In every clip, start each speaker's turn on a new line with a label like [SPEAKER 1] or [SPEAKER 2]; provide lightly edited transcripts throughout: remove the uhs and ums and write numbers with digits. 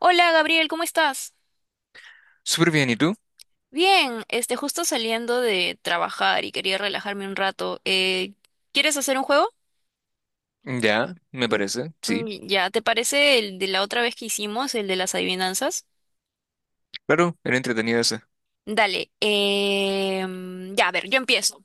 [SPEAKER 1] Hola Gabriel, ¿cómo estás?
[SPEAKER 2] Súper bien, ¿y tú?
[SPEAKER 1] Bien, este, justo saliendo de trabajar y quería relajarme un rato. ¿Quieres hacer un juego?
[SPEAKER 2] Ya, me
[SPEAKER 1] Mm,
[SPEAKER 2] parece, sí.
[SPEAKER 1] mm, ya, ¿te parece el de la otra vez que hicimos, el de las adivinanzas?
[SPEAKER 2] Claro, era entretenida esa.
[SPEAKER 1] Dale, mm, ya, a ver, yo empiezo.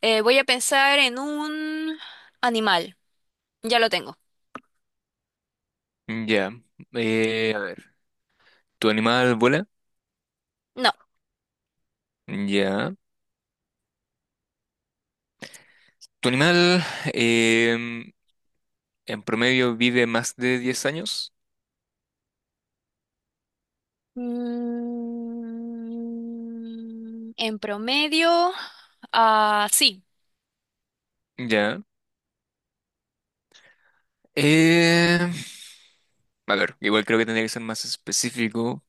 [SPEAKER 1] Voy a pensar en un animal. Ya lo tengo.
[SPEAKER 2] Ya. A ver, ¿tu animal vuela?
[SPEAKER 1] No.
[SPEAKER 2] Ya. ¿Tu animal em, en promedio vive más de 10 años?
[SPEAKER 1] Mm, en promedio, ah, sí.
[SPEAKER 2] Ya. Eh, a ver, igual creo que tendría que ser más específico.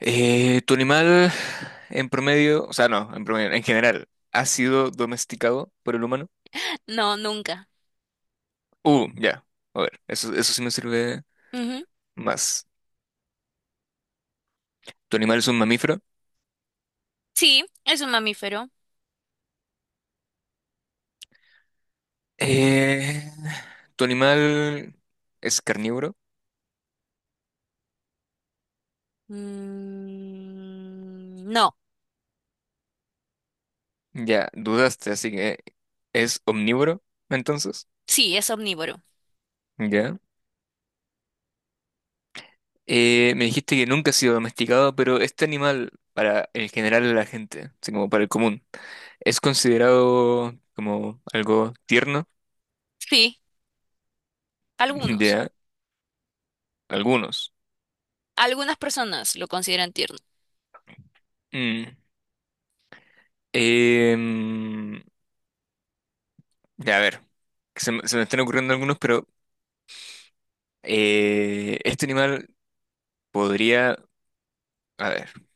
[SPEAKER 2] ¿Tu animal en promedio, o sea, no, en promedio, en general, ha sido domesticado por el humano?
[SPEAKER 1] No, nunca.
[SPEAKER 2] Ya. A ver, eso sí me sirve
[SPEAKER 1] Ujú.
[SPEAKER 2] más. ¿Tu animal es un mamífero?
[SPEAKER 1] Sí, es un mamífero.
[SPEAKER 2] Eh, ¿Tu animal es carnívoro?
[SPEAKER 1] Mm, no,
[SPEAKER 2] Ya, dudaste, así que es omnívoro, entonces.
[SPEAKER 1] sí, es omnívoro.
[SPEAKER 2] Ya. Me dijiste que nunca ha sido domesticado, pero este animal, para el general de la gente, así como para el común, es considerado como algo tierno.
[SPEAKER 1] Sí, algunos.
[SPEAKER 2] Ya, algunos.
[SPEAKER 1] Algunas personas lo consideran tierno.
[SPEAKER 2] Mm. Em, ya, a ver, que se me están ocurriendo algunos, pero este animal podría... A ver.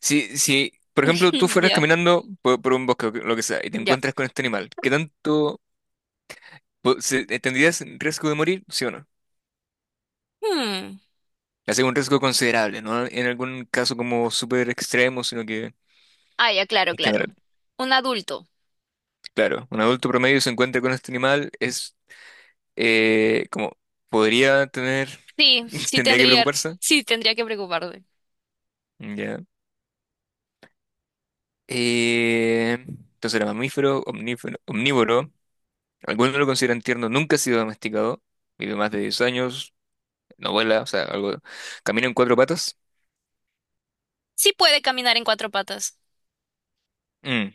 [SPEAKER 2] Si, por ejemplo, tú fueras
[SPEAKER 1] Ya,
[SPEAKER 2] caminando por un bosque o lo que sea y te
[SPEAKER 1] ya.
[SPEAKER 2] encuentras con este animal, ¿qué tanto tendrías riesgo de morir? ¿Sí o no?
[SPEAKER 1] Hmm.
[SPEAKER 2] Hace un riesgo considerable, no en algún caso como súper extremo, sino que
[SPEAKER 1] Ah, ya, claro,
[SPEAKER 2] en
[SPEAKER 1] claro.
[SPEAKER 2] general.
[SPEAKER 1] Un adulto.
[SPEAKER 2] Claro, un adulto promedio se encuentra con este animal, es como podría tener,
[SPEAKER 1] Sí, sí
[SPEAKER 2] tendría que
[SPEAKER 1] tendría,
[SPEAKER 2] preocuparse.
[SPEAKER 1] sí tendría que preocuparme.
[SPEAKER 2] Ya. Entonces era mamífero, omnívoro. Algunos lo consideran tierno, nunca ha sido domesticado. Vive más de 10 años, no vuela, o sea, algo. Camina en cuatro patas.
[SPEAKER 1] Sí puede caminar en cuatro patas.
[SPEAKER 2] Mm.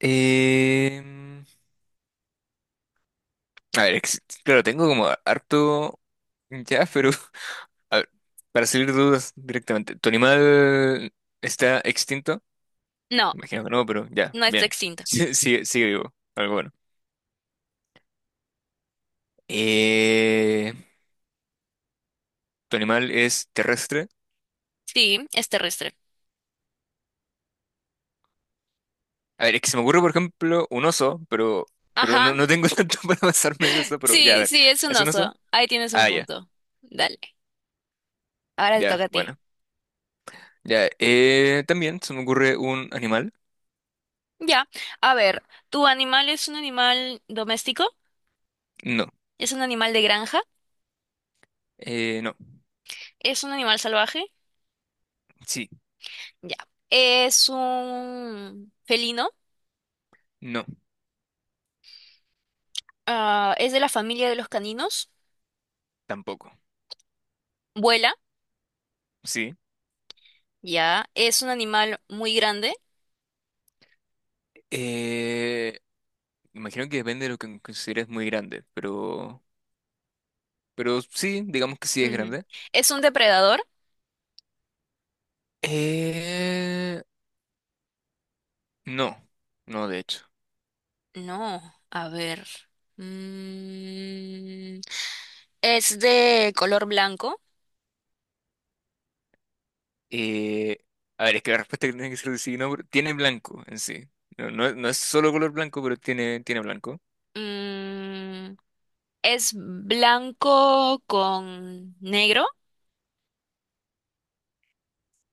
[SPEAKER 2] Em, a ver, claro, tengo como harto ya, pero a ver, para salir de dudas directamente, ¿tu animal está extinto?
[SPEAKER 1] No,
[SPEAKER 2] Imagino que no, pero ya,
[SPEAKER 1] no está
[SPEAKER 2] bien.
[SPEAKER 1] extinto.
[SPEAKER 2] Sí, sigue vivo, algo bueno. Eh, ¿Tu animal es terrestre?
[SPEAKER 1] Sí, es terrestre.
[SPEAKER 2] A ver, es que se me ocurre, por ejemplo, un oso, pero, no,
[SPEAKER 1] Ajá.
[SPEAKER 2] no tengo tanto para pasarme de eso, pero ya, a
[SPEAKER 1] Sí,
[SPEAKER 2] ver,
[SPEAKER 1] sí, es un
[SPEAKER 2] ¿es un oso?
[SPEAKER 1] oso. Ahí tienes un
[SPEAKER 2] Ah, ya,
[SPEAKER 1] punto. Dale. Ahora te
[SPEAKER 2] ya,
[SPEAKER 1] toca a ti.
[SPEAKER 2] bueno. Ya, también se me ocurre un animal.
[SPEAKER 1] Ya. A ver, ¿tu animal es un animal doméstico?
[SPEAKER 2] No.
[SPEAKER 1] ¿Es un animal de granja?
[SPEAKER 2] No.
[SPEAKER 1] ¿Es un animal salvaje?
[SPEAKER 2] Sí.
[SPEAKER 1] Ya. ¿Es un felino?
[SPEAKER 2] No.
[SPEAKER 1] Ah, ¿es de la familia de los caninos?
[SPEAKER 2] Tampoco.
[SPEAKER 1] ¿Vuela?
[SPEAKER 2] Sí.
[SPEAKER 1] Ya. ¿Es un animal muy grande?
[SPEAKER 2] Eh, Imagino que depende de lo que consideres muy grande, pero sí, digamos que sí es
[SPEAKER 1] Ujú.
[SPEAKER 2] grande.
[SPEAKER 1] ¿Es un depredador?
[SPEAKER 2] Eh, no. No, de hecho.
[SPEAKER 1] No. A ver. Mm, ¿Es de color blanco?
[SPEAKER 2] Eh, a ver, es que la respuesta que tiene que ser de sí, no, pero tiene blanco en sí. No, no, no es solo color blanco, pero tiene blanco.
[SPEAKER 1] Mm, ¿Es blanco con negro?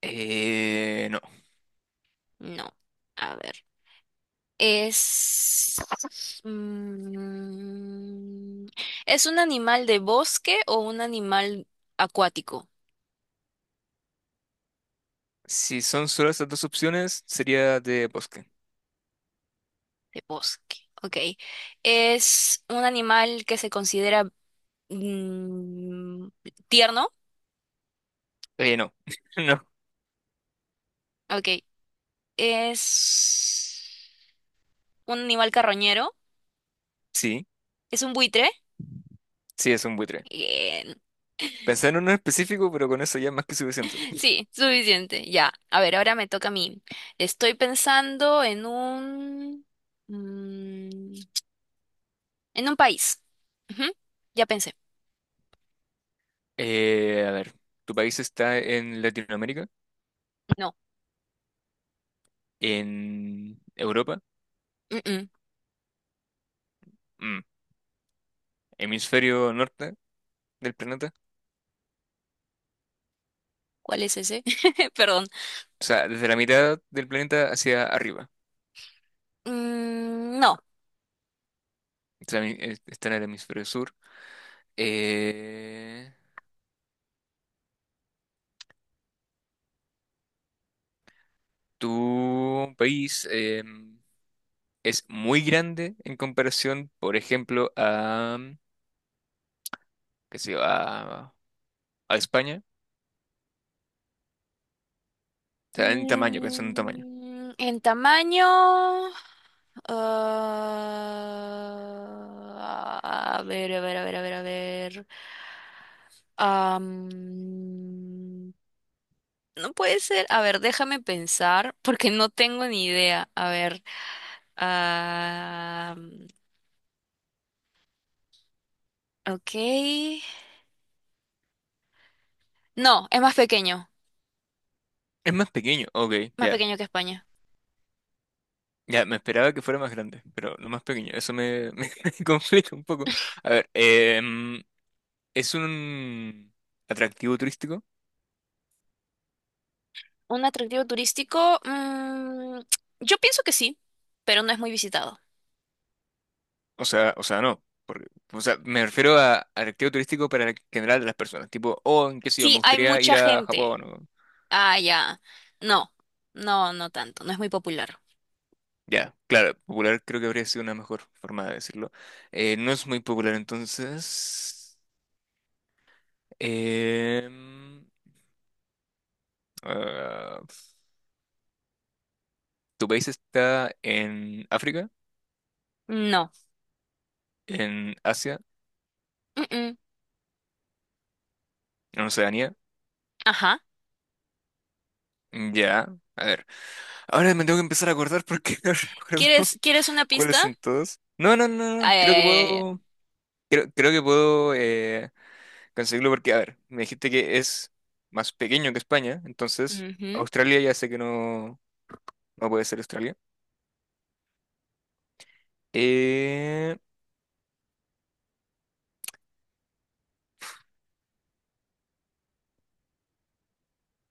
[SPEAKER 2] No.
[SPEAKER 1] No. A ver. Es... mm, ¿Es un animal de bosque o un animal acuático?
[SPEAKER 2] Si son solo esas dos opciones, sería de bosque.
[SPEAKER 1] De bosque, ok. ¿Es un animal que se considera mm, tierno?
[SPEAKER 2] No. No,
[SPEAKER 1] Ok. ¿Es un animal carroñero?
[SPEAKER 2] sí,
[SPEAKER 1] ¿Es un buitre?
[SPEAKER 2] sí, es un buitre.
[SPEAKER 1] Bien.
[SPEAKER 2] Pensé en uno en específico, pero con eso ya es más que suficiente.
[SPEAKER 1] Sí, suficiente. Ya. A ver, ahora me toca a mí. Estoy pensando mm, En un país. Ujú, ya pensé.
[SPEAKER 2] A ver, ¿tu país está en Latinoamérica?
[SPEAKER 1] No.
[SPEAKER 2] ¿En Europa?
[SPEAKER 1] Mm-mm.
[SPEAKER 2] Mm, ¿Hemisferio norte del planeta?
[SPEAKER 1] ¿Cuál es ese? Perdón.
[SPEAKER 2] O sea, desde la mitad del planeta hacia arriba.
[SPEAKER 1] Mm, no.
[SPEAKER 2] O sea, está en el hemisferio sur. Eh, ¿Tu país es muy grande en comparación, por ejemplo, a, qué sé yo, a España? O sea, en tamaño, pensando en tamaño.
[SPEAKER 1] En tamaño. Ah, a ver, a ver, a ver, a ver, a ver. Am, no puede ser. A ver, déjame pensar porque no tengo ni idea. A ver. am, ok. No, es más pequeño.
[SPEAKER 2] Es más pequeño, ok,
[SPEAKER 1] Más
[SPEAKER 2] ya.
[SPEAKER 1] pequeño que España.
[SPEAKER 2] Ya, me esperaba que fuera más grande, pero no más pequeño. Eso me, me complica un poco. A ver, ¿es un atractivo turístico?
[SPEAKER 1] ¿Un atractivo turístico? Yo pienso que sí, pero no es muy visitado.
[SPEAKER 2] O sea, no. Porque, o sea, me refiero a atractivo turístico para el general de las personas. Tipo, oh, en qué sé yo, me
[SPEAKER 1] Sí, hay
[SPEAKER 2] gustaría
[SPEAKER 1] mucha
[SPEAKER 2] ir a
[SPEAKER 1] gente.
[SPEAKER 2] Japón.
[SPEAKER 1] Ah, ya. No, no, no tanto. No es muy popular.
[SPEAKER 2] Ya, claro, popular creo que habría sido una mejor forma de decirlo. No es muy popular, entonces. em, ah, ¿Tu país está en África?
[SPEAKER 1] No.
[SPEAKER 2] ¿En Asia?
[SPEAKER 1] Mm-mm.
[SPEAKER 2] ¿En Oceanía?
[SPEAKER 1] Ajá.
[SPEAKER 2] Ya, a ver. Ahora me tengo que empezar a acordar porque no recuerdo
[SPEAKER 1] ¿Quieres una
[SPEAKER 2] cuáles
[SPEAKER 1] pista?
[SPEAKER 2] son todos. No, no, no, no.
[SPEAKER 1] Ay, ay,
[SPEAKER 2] Creo que
[SPEAKER 1] ay, ay,
[SPEAKER 2] puedo. Creo que puedo conseguirlo porque, a ver, me dijiste que es más pequeño que España, entonces
[SPEAKER 1] ay.
[SPEAKER 2] Australia ya sé que no, no puede ser Australia. Eh,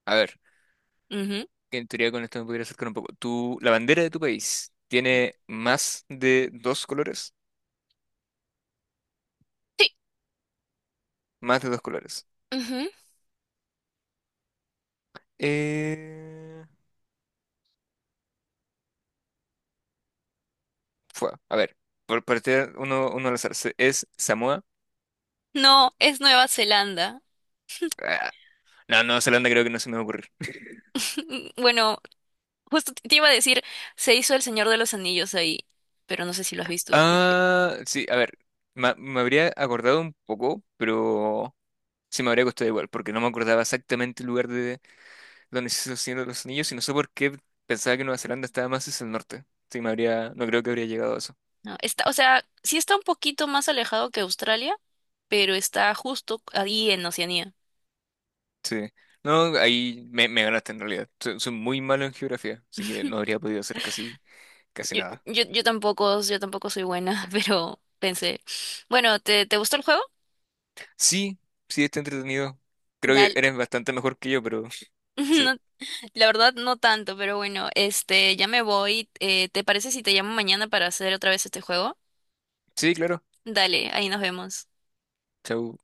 [SPEAKER 2] a ver,
[SPEAKER 1] Ujú,
[SPEAKER 2] que en teoría con esto me podría acercar un poco. La bandera de tu país
[SPEAKER 1] ujú.
[SPEAKER 2] tiene más de dos colores.
[SPEAKER 1] Sí.
[SPEAKER 2] Más de dos colores.
[SPEAKER 1] Ujú.
[SPEAKER 2] Eh, a ver, por partir uno al azar. ¿Es Samoa?
[SPEAKER 1] No, es Nueva Zelanda.
[SPEAKER 2] Ah, No, Nueva Zelanda creo que no se me va a ocurrir.
[SPEAKER 1] Bueno, justo te iba a decir, se hizo El Señor de los Anillos ahí, pero no sé si lo has visto, así que
[SPEAKER 2] Ah, sí, a ver. Me habría acordado un poco, pero sí me habría costado igual, porque no me acordaba exactamente el lugar de donde se hizo el Señor de los Anillos y no sé por qué pensaba que Nueva Zelanda estaba más hacia el norte. Sí, me habría, no creo que habría llegado a eso.
[SPEAKER 1] no. O sea, sí está un poquito más alejado que Australia, pero está justo ahí en Oceanía.
[SPEAKER 2] Sí. No, ahí me ganaste en realidad. Soy muy malo en geografía, así que no habría podido hacer casi, casi
[SPEAKER 1] Yo,
[SPEAKER 2] nada.
[SPEAKER 1] yo, yo tampoco, yo tampoco soy buena, pero pensé, bueno, ¿te gustó el juego?
[SPEAKER 2] Sí, sí, está entretenido. Creo que
[SPEAKER 1] Dale.
[SPEAKER 2] eres bastante mejor que yo, pero sí.
[SPEAKER 1] No, la verdad no tanto, pero bueno, este, ya me voy. ¿Te parece si te llamo mañana para hacer otra vez este juego?
[SPEAKER 2] Sí, claro.
[SPEAKER 1] Dale, ahí nos vemos.
[SPEAKER 2] Chau.